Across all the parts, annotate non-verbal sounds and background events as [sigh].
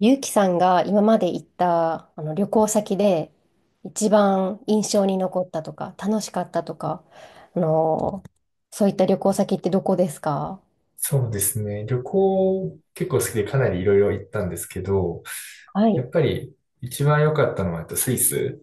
ゆうきさんが今まで行った旅行先で一番印象に残ったとか楽しかったとか、あのーそういった旅行先ってどこですか？そうですね。旅行結構好きでかなりいろいろ行ったんですけど、はやい。っぱり一番良かったのはスイス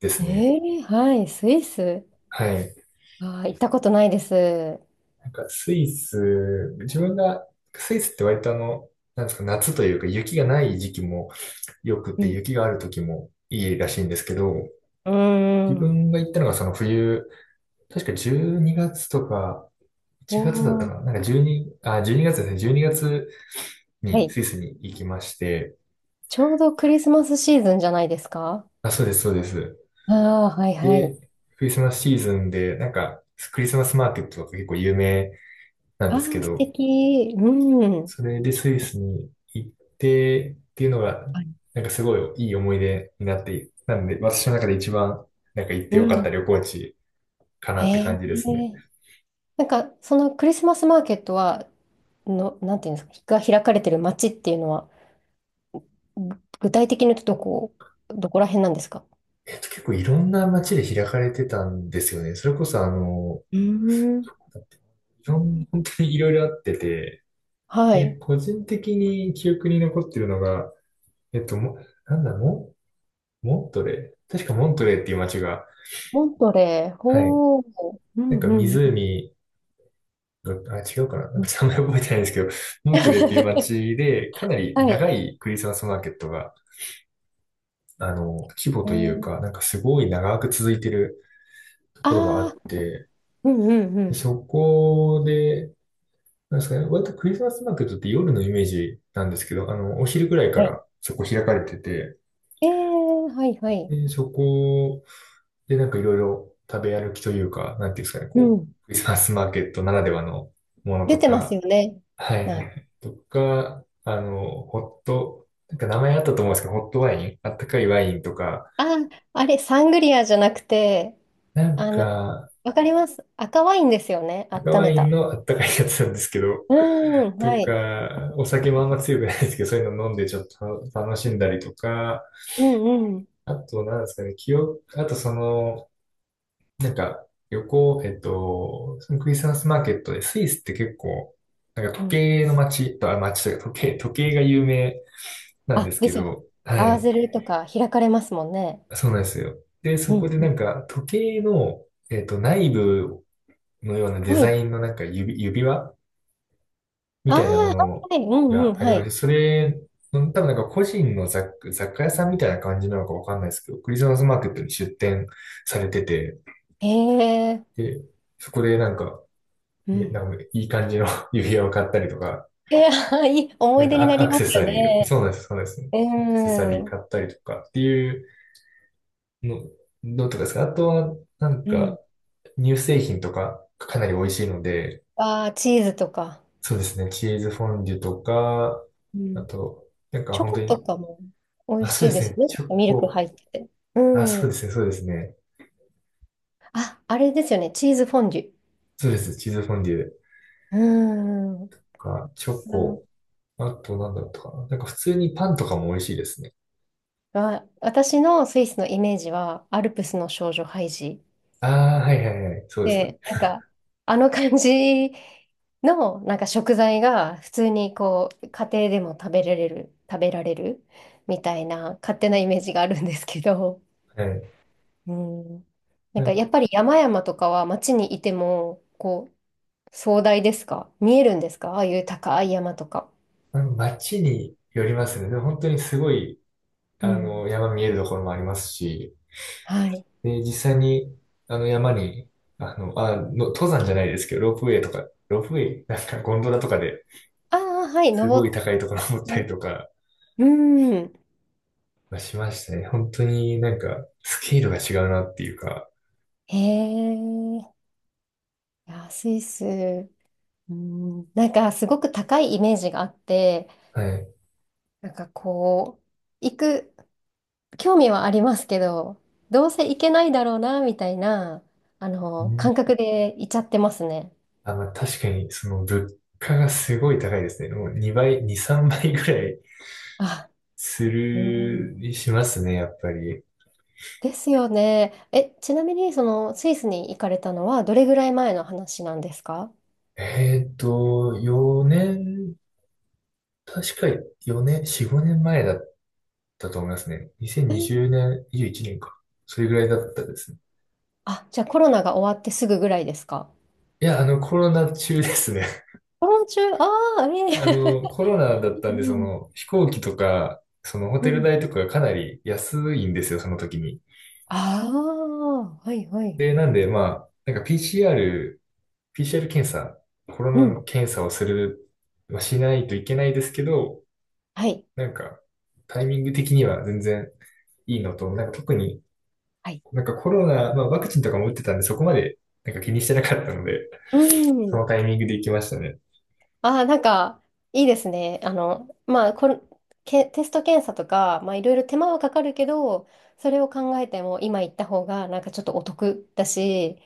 でえすね。ー、はい、スイス。はい。あー、行ったことないです。なんかスイス、自分が、スイスって割となんですか、夏というか雪がない時期も良くうて、ん。雪がある時もいいらしいんですけど、うー自ん。分が行ったのがその冬、確か12月とか1月だったおかー、な。12月ですね。12月にがつはにい。スイスに行きまして、ちょうどクリスマスシーズンじゃないですか？あ、そうです、そうです。ああー、はいはで、い。クリスマスシーズンで、なんか、クリスマスマーケットとか結構有名なんあですけあ、素ど、敵。うん。それでスイスに行ってっていうのが、はい。なんかすごいいい思い出になって、なんで私の中で一番、なんか行っうてよかったん。旅行地かなへって感じでえ。すね。なんか、そのクリスマスマーケットは、の、なんていうんですか、が開かれてる街っていうのは、具体的に言うとどこ、どこら辺なんですか？結構いろんな街で開かれてたんですよね。それこそうーん。だっていろん、本当にいろいろあってて、はで、い。個人的に記憶に残ってるのが、えっと、も、なんだろモントレー、確かモントレーっていう街が、モントレー、はい。ほー。うなんんかうん湖が、あ、違うかななんうかん。名前覚えてないんですけど、モントレーっていう [laughs] 街で、かなりはい。長いクリスマスマーケットが、規模うというん。か、なんかすごい長く続いてるところがあああって、ー。うんうんうでん。そこで、なんですかね、割とクリスマスマーケットって夜のイメージなんですけど、お昼ぐらいかはい。らそこ開かれてて、えー、はいはい。で、そこで、なんかいろいろ食べ歩きというか、なんていうんですかね、うこん。う、クリスマスマーケットならではのもの出とてますか、よね。はいはいなんはか、い。とか、あの、ホット、なんか名前あったと思うんですけど、ホットワイン、あったかいワインとか、あー、あれ、サングリアじゃなくて、なんあの、か、わかります。赤ワインですよね。赤温ワめインた。のあったかいやつなんですけど、うーん、とはい。か、お酒もあんま強くないですけど、そういうの飲んでちょっと楽しんだりとか、うんうん。あと、なんですかね、記憶、あとその、なんか、旅行、えっと、そのクリスマスマーケットで、スイスって結構、なんかう時ん。計の街と、あ、街というか時計が有名なんであ、すでけすよね。ど、は合わい。せるとか開かれますもんね。そうなんですよ。で、うそこんでうなんん。か、時計の、内部のようなデはザい。インのなんか指輪みああ、たいなものはいはい。うんうん。がありはまして、い。それ、多分なんか個人の雑貨屋さんみたいな感じなのかわかんないですけど、クリスマスマーケットに出店されてて、へえ。で、そこでなんか、うなん。んかいい感じの [laughs] 指輪を買ったりとか、[laughs] えー、[laughs] いい思ないん出かにアなクアりクまセすよサリーを、そね。うなんです、そうなんです。うアクセサリーん。買ったりとかっていうの、どうとかですか。あとは、なんうか、ん。乳製品とかかなり美味しいので、ああ、チーズとか。そうですね、チーズフォンデュとか、うあん。と、なんかチョ本当コとに、かも美味あ、そしういでですすね、ね。チョミルクコ、入ってて。うあ、そうでん。すね、そうですね。あ、あれですよね。チーズフォンデュ。そうです、チーズフォンデュとうん。か、チョあ、コ、あとなんだったかな。なんか普通にパンとかも美味しいですね。私のスイスのイメージは、アルプスの少女ハイジ。ああ、はいはいはい、そうですよね。で、なんか、あの感じの、なんか食材が普通にこう、家庭でも食べられる、食べられるみたいな勝手なイメージがあるんですけど、はい。うん。なんかやっぱり山々とかは街にいても、こう、壮大ですか、見えるんですか、ああいう高い山とか。うん、街によりますね。でも本当にすごい、うん。山見えるところもありますし、はい。で、実際に、山に、登山じゃないですけど、ロープウェイとか、ロープウェイ、なんかゴンドラとかでああ、はい、すご登いっ高いところ登ったりて。とかうん。まあしましたね。本当になんか、スケールが違うなっていうか、へえ。いや、スイス。うん、なんかすごく高いイメージがあって、はい。なんかこう、行く、興味はありますけど、どうせ行けないだろうな、みたいな、あうの、ん、感覚で行っちゃってますね。あ、まあ、確かに、その、物価がすごい高いですね。もう2倍、2、3倍ぐらいあ、うん。しますね、やっぱり。ですよね。え、ちなみに、その、スイスに行かれたのは、どれぐらい前の話なんですか？4年、確か4年、4、5年前だったと思いますね。2020え、年、21年か。それぐらいだったですね。あ、じゃあコロナが終わってすぐぐらいですか？いや、コロナ中ですね。コロナ中、ああ、[laughs] えコロナだっえ。 [laughs] たうんで、そんの、飛行機とか、その、ホうテルん。代とかがかなり安いんですよ、その時に。ああ、はいはい。で、なんで、まあ、なんか PCR 検査、コロうナのん。検査をする、まあ、しないといけないですけど、はい。なんか、タイミング的には全然いいのと、なんか特にはい。なんかコロナ、まあワクチンとかも打ってたんで、そこまでなんか気にしてなかったので、うそん。のタイミングで行きましたね。ああ、なんか、いいですね。あの、まあ、これ、け、テスト検査とか、まあ、いろいろ手間はかかるけど、それを考えても、今行った方が、なんかちょっとお得だし、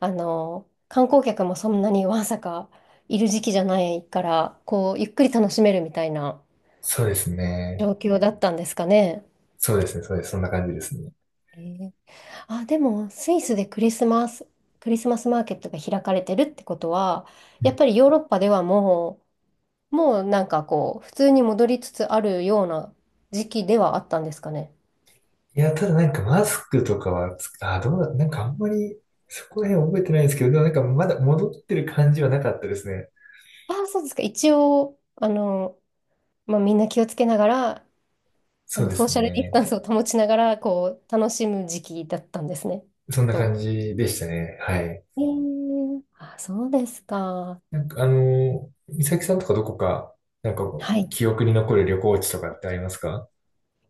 あの、観光客もそんなにわんさかいる時期じゃないから、こう、ゆっくり楽しめるみたいなそうですね。状況だったんですかね。そうですね。そうです。そんな感じですね。えー、あ、でも、スイスでクリスマス、クリスマスマーケットが開かれてるってことは、うやっん、ぱりヨーロッパではもう、もうなんかこう、普通に戻りつつあるような時期ではあったんですかね。いや、ただなんかマスクとかはあ、どうだ、なんかあんまり、そこら辺覚えてないんですけど、でもなんかまだ戻ってる感じはなかったですね。ああ、そうですか。一応、あの、まあ、みんな気をつけながら、あそうの、でソーすシャルディスね。タンスを保ちながら、こう、楽しむ時期だったんですね、きそっんな感と。じでしたね。はい。えー、あ、そうですか。なんか、美咲さんとかどこか、なんかはい。記憶に残る旅行地とかってありますか？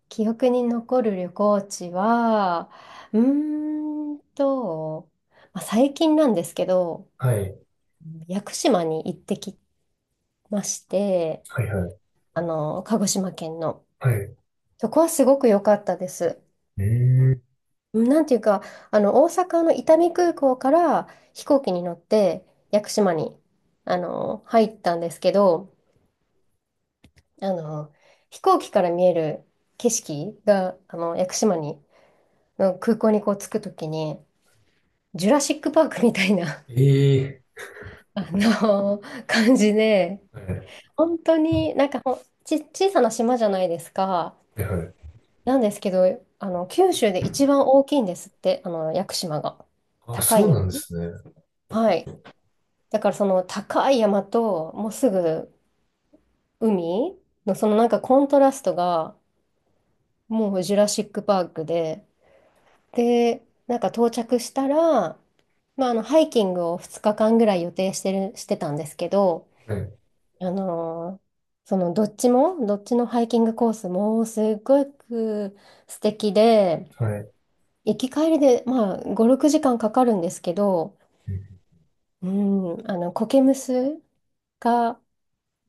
記憶に残る旅行地は、うーんと、まあ、最近なんですけど、はい、屋久島に行ってきまして、はい、はい、あの、鹿児島県の。はい。うそこはすごく良かったです。ーん、うん、なんていうか、あの、大阪の伊丹空港から飛行機に乗って屋久島に、あの、入ったんですけど、あの、飛行機から見える景色が、あの、屋久島に、の空港にこう着くときに、ジュラシックパークみたいな、ええ、 [laughs] あの、感じで、はい、本当になんか、ほんち、小さな島じゃないですか。はい、はい。なんですけど、あの、九州で一番大きいんですって、あの、屋久島が。あ、高そういなんで山。すね。はい。だからその高い山と、もうすぐ海のそのなんかコントラストが、もうジュラシックパークで、で、なんか到着したら、まあ、あの、ハイキングを2日間ぐらい予定してる、してたんですけど、はい、あのーそのどっちも、どっちのハイキングコースもすっごく素敵で、はい。行き帰りで、まあ、5、6時間かかるんですけど、うん、うん、あの、コケムスが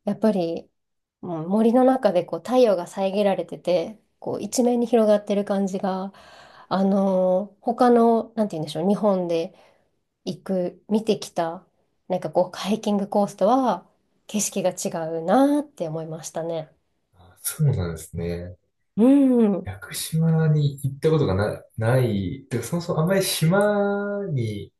やっぱり、うん、森の中でこう太陽が遮られてて、こう一面に広がってる感じが、他の、なんて言うんでしょう、日本で行く、見てきた、なんかこう、ハイキングコースとは景色が違うなーって思いましたね。あ、そうなんですね。うん。屋久島に行ったことがない、でそもそもあんまり島に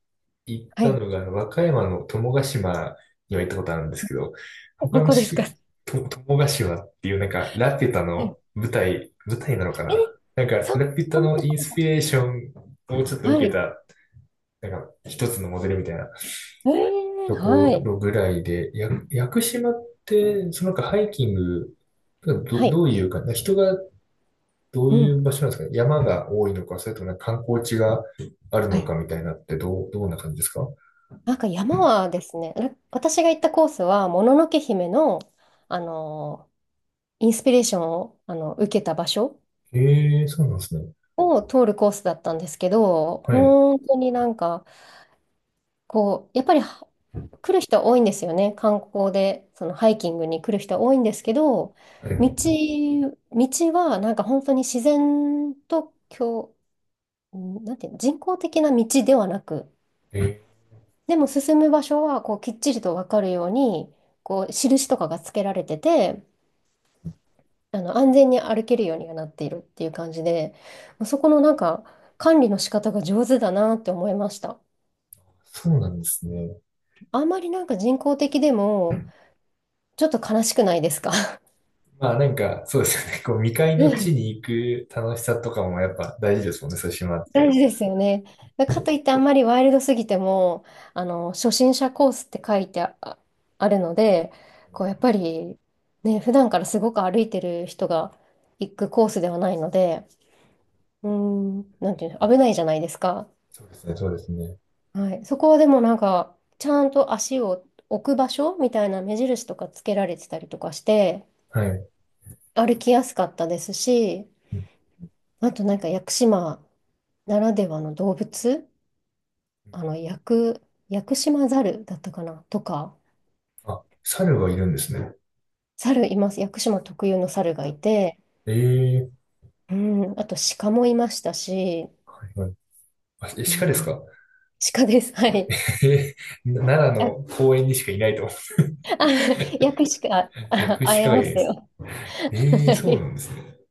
行っはたい。のが、和歌山の友ヶ島には行ったことあるんですけど、他どのこですか？し、はと、友ヶ島っていうなんか、ラピュタのい。舞台なのかえ、ななんか、そラう、ピュタこんなのとイこンろスだ。ピレーションをちょっとは受けい。た、なんか、一つのモデルみたいなえー、とはこい。ろぐらいで、屋久島って、そのなんかハイキング、ど、はい。どういうか、人がどうういうん。場所なんですかね、山が多いのか、それともなんか観光地があるはのい。かみたいなって、どんな感じですか？なんか山はですね、私が行ったコースは、もののけ姫の、あの、インスピレーションを、あの、受けた場所ええー、そうなんですね。を通るコースだったんですけど、はい。本当になんか、こう、やっぱり来る人多いんですよね。観光で、そのハイキングに来る人多いんですけど、は道、い。道はなんか本当に自然と、ん、なんていうの、人工的な道ではなく、えー、でも進む場所はこうきっちりと分かるようにこう印とかがつけられてて、あの、安全に歩けるようにはなっているっていう感じで、そこのなんか管理の仕方が上手だなって思いました。そうなんですね。あんまりなんか人工的でもちょっと悲しくないですか？ [laughs] まあなんか、そうですよね。こう、未開のうん、地に行く楽しさとかもやっぱ大事ですもんね、そういう島っ大て。事ですよね。かといってあんまりワイルドすぎても、あの、初心者コースって書いてあ、ああるので、こうやっぱりね、普段からすごく歩いてる人が行くコースではないので。うーん、なんていうの、危ないじゃないですか。そうですね、そうですね。はい。そこはでもなんか、ちゃんと足を置く場所みたいな目印とかつけられてたりとかして、はい。う歩きやすかったですし、んうあとなんか屋久島ならではの動物、あの、ん、屋久島ザルだったかなとか、あ、猿がいるんですね。います。屋久島特有の猿ルがいて、ええ、うん、あと鹿もいましたし、はいはい。あ、う鹿ですん、か？ 鹿です。はい。[laughs] えー、奈良あ、あ、の公園にしかいないと思う。[laughs] 屋久鹿、[laughs] 薬師会鹿えがいまるんですす。よ。ええ、はそうない。んですね。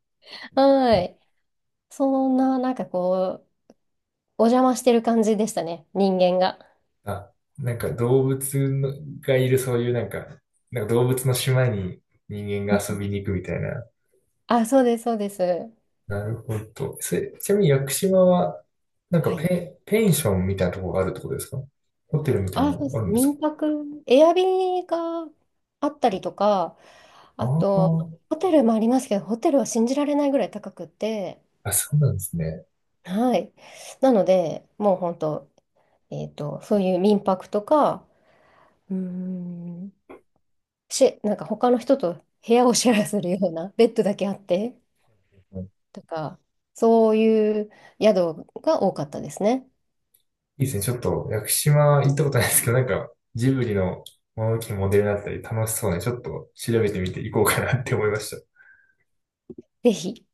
はい。そんな、なんかこう、お邪魔してる感じでしたね、人間が。あ、なんか動物のがいるそういうなんか、なんか動物の島に人間うが遊ん、びに行くみたいな、あ、そうです、そうです。なるほど。ちなみに屋久島は、なんかはい。ペンションみたいなところがあるってことですか？ホテルみたいなあ、そうでのあす。るんですか？民泊、エアビーがあったりとか、ああと、あ、ホテルもありますけど、ホテルは信じられないぐらい高くて、あ、そうなんですね。はい。なので、もう本当、えっと、そういう民泊とか、うーん、し、なんか他の人と部屋をシェアするようなベッドだけあって、うん、とか、そういう宿が多かったですね。いいですね。ちょっと屋久島行ったことないですけど、なんかジブリの物置のモデルだったり楽しそうで、ちょっと調べてみていこうかなって思いました。ぜひ。